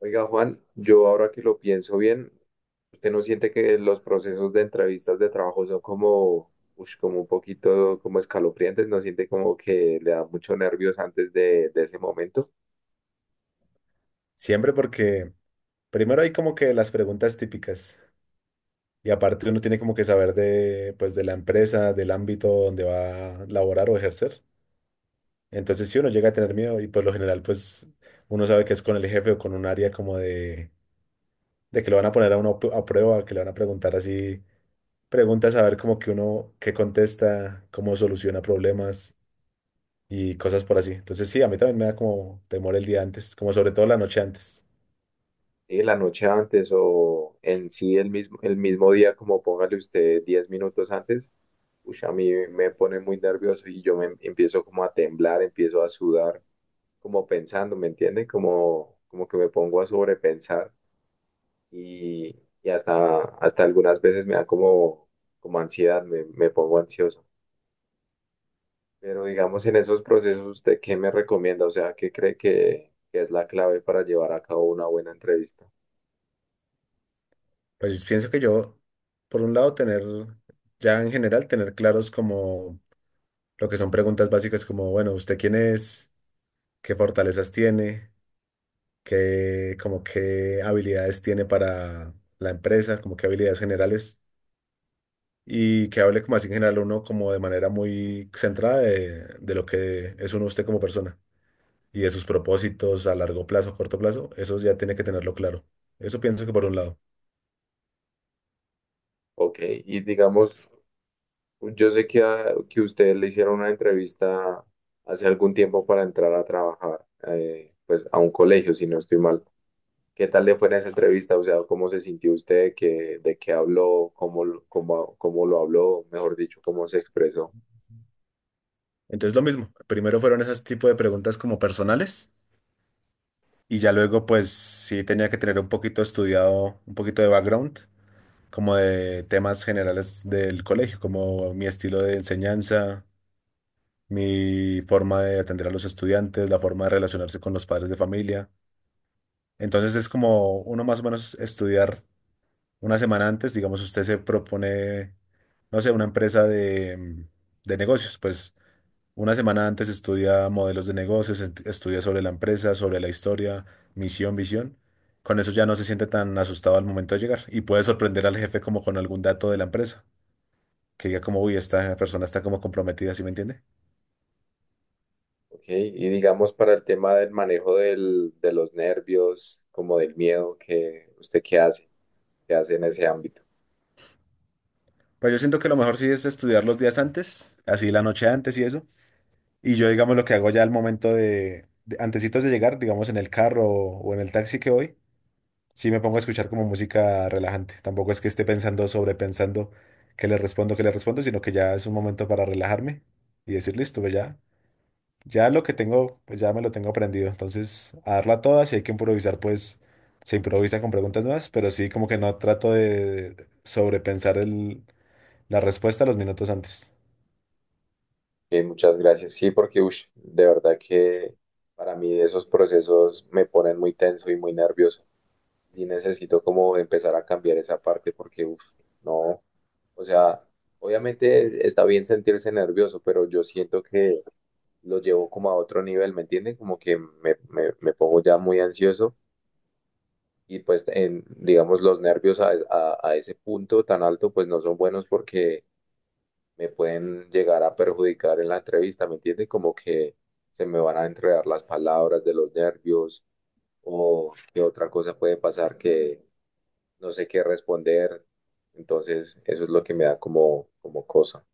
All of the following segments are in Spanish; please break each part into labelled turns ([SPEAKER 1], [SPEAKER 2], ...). [SPEAKER 1] Oiga, Juan, yo ahora que lo pienso bien, ¿usted no siente que los procesos de entrevistas de trabajo son como, como un poquito como escalofriantes? ¿No siente como que le da mucho nervios antes de ese momento?
[SPEAKER 2] Siempre porque primero hay como que las preguntas típicas y aparte uno tiene como que saber pues, de la empresa, del ámbito donde va a laborar o ejercer. Entonces si uno llega a tener miedo y por lo general pues uno sabe que es con el jefe o con un área como de que lo van a poner a uno a prueba, que le van a preguntar así, preguntas a ver como que uno qué contesta, cómo soluciona problemas y cosas por así. Entonces sí, a mí también me da como temor el día antes, como sobre todo la noche antes.
[SPEAKER 1] ¿Sí? La noche antes o en sí el mismo día, como póngale usted 10 minutos antes, a mí me pone muy nervioso y yo me empiezo como a temblar, empiezo a sudar, como pensando, ¿me entiende? Como que me pongo a sobrepensar y hasta algunas veces me da como, como ansiedad, me pongo ansioso. Pero digamos, en esos procesos, ¿usted qué me recomienda? O sea, ¿qué cree que es la clave para llevar a cabo una buena entrevista?
[SPEAKER 2] Pues pienso que yo, por un lado, tener, ya en general, tener claros como lo que son preguntas básicas como, bueno, ¿usted quién es? ¿Qué fortalezas tiene? ¿Qué, como qué habilidades tiene para la empresa? ¿Como qué habilidades generales? Y que hable como así en general uno como de manera muy centrada de lo que es uno usted como persona y de sus propósitos a largo plazo, corto plazo, eso ya tiene que tenerlo claro. Eso pienso que por un lado.
[SPEAKER 1] Ok, y digamos, yo sé que ustedes le hicieron una entrevista hace algún tiempo para entrar a trabajar, pues a un colegio, si no estoy mal. ¿Qué tal le fue en esa entrevista? O sea, ¿cómo se sintió usted? ¿De qué habló? ¿Cómo lo habló? Mejor dicho, ¿cómo se expresó?
[SPEAKER 2] Entonces lo mismo, primero fueron esas tipo de preguntas como personales. Y ya luego, pues sí tenía que tener un poquito estudiado, un poquito de background, como de temas generales del colegio, como mi estilo de enseñanza, mi forma de atender a los estudiantes, la forma de relacionarse con los padres de familia. Entonces es como uno más o menos estudiar una semana antes, digamos, usted se propone, no sé, una empresa de negocios, pues una semana antes estudia modelos de negocios, estudia sobre la empresa, sobre la historia, misión, visión. Con eso ya no se siente tan asustado al momento de llegar y puede sorprender al jefe como con algún dato de la empresa, que diga como, uy, esta persona está como comprometida, ¿sí me entiende?
[SPEAKER 1] Ok, y digamos para el tema del manejo del, de los nervios, como del miedo, que usted qué hace en ese ámbito.
[SPEAKER 2] Pues yo siento que lo mejor sí es estudiar los días antes, así la noche antes y eso. Y yo digamos lo que hago ya al momento de antesitos de llegar, digamos en el carro o en el taxi que voy. Sí, me pongo a escuchar como música relajante. Tampoco es que esté pensando, sobrepensando que le respondo, sino que ya es un momento para relajarme y decir, listo, pues ya, ya lo que tengo, pues ya me lo tengo aprendido. Entonces, a darla toda, si hay que improvisar, pues se improvisa con preguntas nuevas, pero sí como que no trato de sobrepensar la respuesta los minutos antes.
[SPEAKER 1] Ok, muchas gracias. Sí, porque de verdad que para mí esos procesos me ponen muy tenso y muy nervioso. Y necesito como empezar a cambiar esa parte porque, no, o sea, obviamente está bien sentirse nervioso, pero yo siento que lo llevo como a otro nivel, ¿me entienden? Como que me pongo ya muy ansioso y pues digamos los nervios a ese punto tan alto pues no son buenos porque me pueden llegar a perjudicar en la entrevista, ¿me entiende? Como que se me van a entregar las palabras de los nervios o qué otra cosa puede pasar que no sé qué responder. Entonces eso es lo que me da como cosa.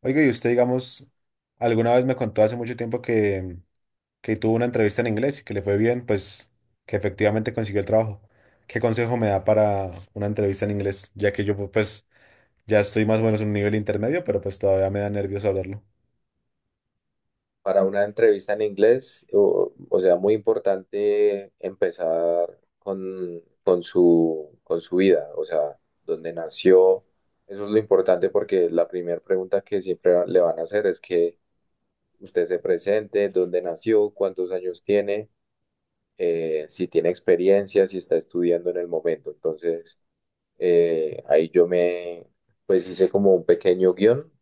[SPEAKER 2] Oiga, y usted, digamos, alguna vez me contó hace mucho tiempo que tuvo una entrevista en inglés y que le fue bien, pues que efectivamente consiguió el trabajo. ¿Qué consejo me da para una entrevista en inglés? Ya que yo pues ya estoy más o menos en un nivel intermedio, pero pues todavía me da nervios hablarlo.
[SPEAKER 1] Para una entrevista en inglés, o sea, muy importante empezar con su vida, o sea, dónde nació. Eso es lo importante porque la primera pregunta que siempre le van a hacer es que usted se presente, dónde nació, cuántos años tiene, si tiene experiencia, si está estudiando en el momento. Entonces. Ahí pues hice como un pequeño guión,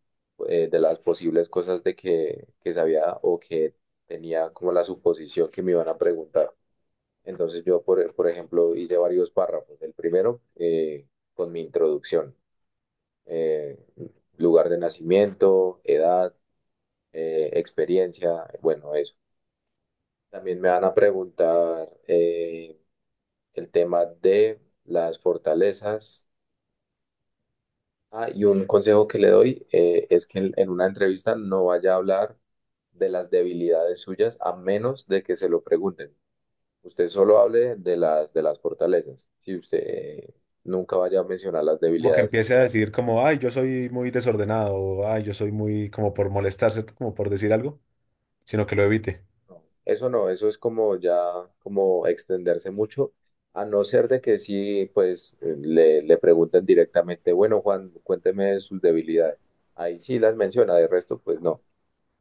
[SPEAKER 1] de las posibles cosas de que sabía o que tenía como la suposición que me iban a preguntar. Entonces yo, por ejemplo, hice varios párrafos. El primero, con mi introducción, eh, lugar de nacimiento, edad, experiencia, bueno, eso. También me van a preguntar el tema de las fortalezas. Ah, y un consejo que le doy, es que en una entrevista no vaya a hablar de las debilidades suyas a menos de que se lo pregunten. Usted solo hable de las fortalezas. Si usted, nunca vaya a mencionar las
[SPEAKER 2] Como que
[SPEAKER 1] debilidades.
[SPEAKER 2] empiece a decir como, ay, yo soy muy desordenado, o ay, yo soy muy como por molestar, ¿cierto? Como por decir algo, sino que lo evite.
[SPEAKER 1] No, eso no, eso es como ya, como extenderse mucho, a no ser de que sí, pues, le pregunten directamente, bueno, Juan, cuénteme de sus debilidades. Ahí sí las menciona, de resto, pues no.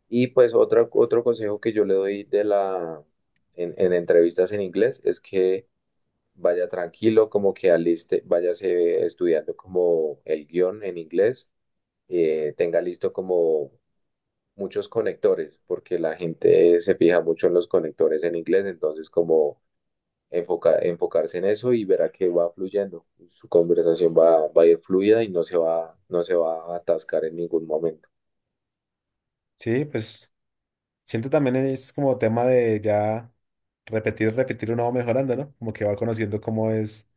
[SPEAKER 1] Y pues otro consejo que yo le doy en entrevistas en inglés es que vaya tranquilo, como que aliste, váyase estudiando como el guión en inglés, tenga listo como muchos conectores, porque la gente se fija mucho en los conectores en inglés, entonces como enfocarse en eso y verá que va fluyendo, su conversación va a ir fluida y no se va a atascar en ningún momento.
[SPEAKER 2] Sí, pues siento también es como tema de ya repetir, repetir uno va mejorando, ¿no? Como que va conociendo cómo es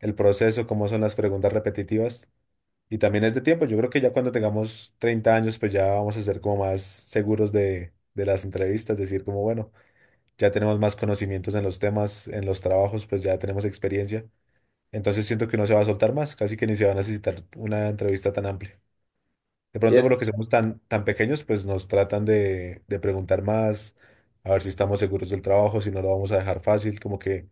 [SPEAKER 2] el proceso, cómo son las preguntas repetitivas. Y también es de tiempo. Yo creo que ya cuando tengamos 30 años, pues ya vamos a ser como más seguros de las entrevistas, decir como, bueno, ya tenemos más conocimientos en los temas, en los trabajos, pues ya tenemos experiencia. Entonces siento que no se va a soltar más, casi que ni se va a necesitar una entrevista tan amplia. De
[SPEAKER 1] Sí,
[SPEAKER 2] pronto, por
[SPEAKER 1] es.
[SPEAKER 2] lo que somos tan, tan pequeños, pues nos tratan de preguntar más, a ver si estamos seguros del trabajo, si no lo vamos a dejar fácil, como que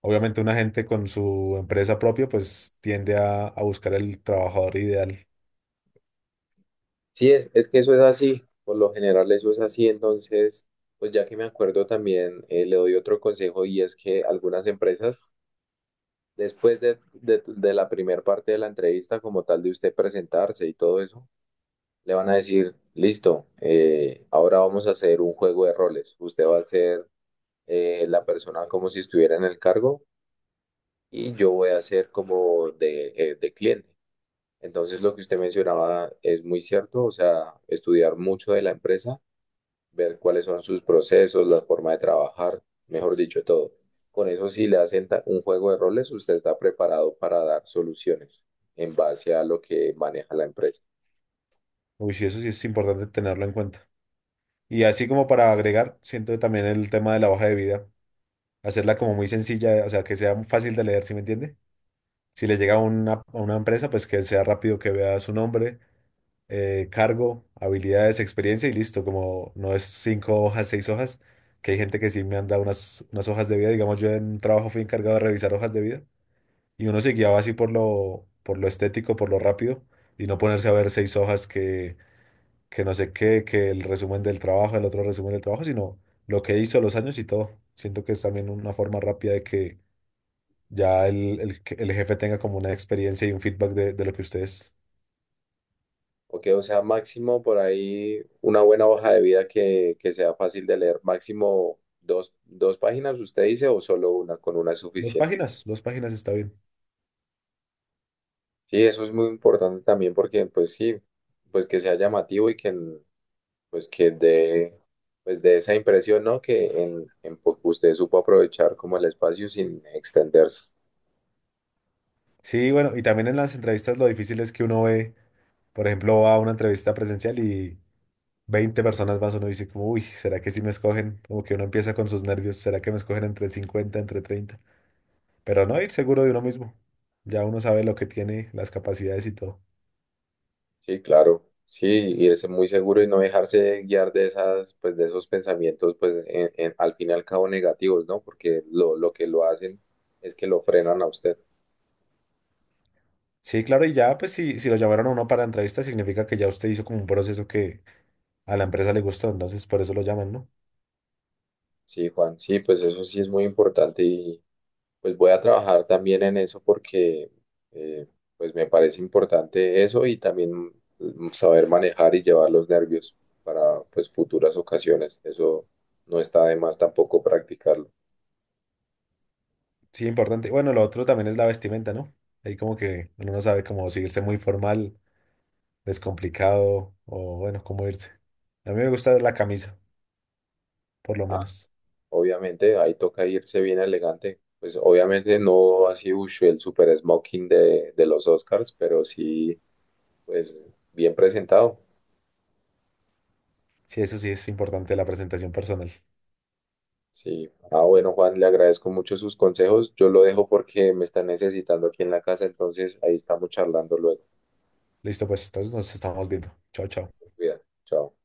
[SPEAKER 2] obviamente una gente con su empresa propia, pues tiende a buscar el trabajador ideal.
[SPEAKER 1] Sí, es que eso es así, por lo general eso es así, entonces, pues ya que me acuerdo también, le doy otro consejo y es que algunas empresas, después de la primera parte de la entrevista, como tal de usted presentarse y todo eso, le van a decir, listo, ahora vamos a hacer un juego de roles, usted va a ser, la persona como si estuviera en el cargo y yo voy a ser como de cliente. Entonces, lo que usted mencionaba es muy cierto, o sea, estudiar mucho de la empresa, ver cuáles son sus procesos, la forma de trabajar, mejor dicho, todo. Con eso, si le hacen un juego de roles, usted está preparado para dar soluciones en base a lo que maneja la empresa.
[SPEAKER 2] Uy, sí, eso sí es importante tenerlo en cuenta. Y así como para agregar, siento también el tema de la hoja de vida, hacerla como muy sencilla, o sea, que sea fácil de leer, ¿sí me entiende? Si le llega a a una empresa, pues que sea rápido que vea su nombre, cargo, habilidades, experiencia y listo, como no es 5 hojas, 6 hojas, que hay gente que sí me han dado unas hojas de vida, digamos, yo en un trabajo fui encargado de revisar hojas de vida y uno se guiaba así por lo estético, por lo rápido y no ponerse a ver 6 hojas que no sé qué, que el resumen del trabajo, el otro resumen del trabajo, sino lo que hizo, los años y todo. Siento que es también una forma rápida de que ya que el jefe tenga como una experiencia y un feedback de lo que ustedes.
[SPEAKER 1] Ok, o sea, máximo por ahí una buena hoja de vida que sea fácil de leer, máximo dos páginas, usted dice, o solo una, con una es
[SPEAKER 2] Dos
[SPEAKER 1] suficiente.
[SPEAKER 2] páginas, 2 páginas está bien.
[SPEAKER 1] Sí, eso es muy importante también porque, pues sí, pues que sea llamativo y que, pues que de, pues de esa impresión, ¿no? Que en Pop usted supo aprovechar como el espacio sin extenderse.
[SPEAKER 2] Sí, bueno, y también en las entrevistas lo difícil es que uno ve, por ejemplo, va a una entrevista presencial y 20 personas más, uno dice como, uy, ¿será que sí me escogen? Como que uno empieza con sus nervios, ¿será que me escogen entre 50 entre 30? Pero no, ir seguro de uno mismo. Ya uno sabe lo que tiene, las capacidades y todo.
[SPEAKER 1] Sí, claro. Sí, irse muy seguro y no dejarse guiar de pues de esos pensamientos, pues al fin y al cabo negativos, ¿no? Porque lo que lo hacen es que lo frenan a usted.
[SPEAKER 2] Sí, claro, y ya, pues si, si lo llamaron a uno para entrevista, significa que ya usted hizo como un proceso que a la empresa le gustó, entonces por eso lo llaman, ¿no?
[SPEAKER 1] Sí, Juan, sí, pues eso sí es muy importante. Pues voy a trabajar también en eso porque, eh, pues me parece importante eso y también, saber manejar y llevar los nervios para pues futuras ocasiones. Eso no está de más tampoco practicarlo.
[SPEAKER 2] Sí, importante. Bueno, lo otro también es la vestimenta, ¿no? Ahí como que uno no sabe cómo, si irse muy formal, descomplicado, o bueno, cómo irse. A mí me gusta la camisa, por lo
[SPEAKER 1] Ah,
[SPEAKER 2] menos.
[SPEAKER 1] obviamente ahí toca irse bien elegante. Pues obviamente no así, el super smoking de los Oscars, pero sí pues bien presentado.
[SPEAKER 2] Sí, eso sí es importante, la presentación personal.
[SPEAKER 1] Sí. Ah, bueno, Juan, le agradezco mucho sus consejos. Yo lo dejo porque me están necesitando aquí en la casa, entonces ahí estamos charlando luego.
[SPEAKER 2] Listo, pues entonces nos estamos viendo. Chao, chao.
[SPEAKER 1] Cuidado. Chao.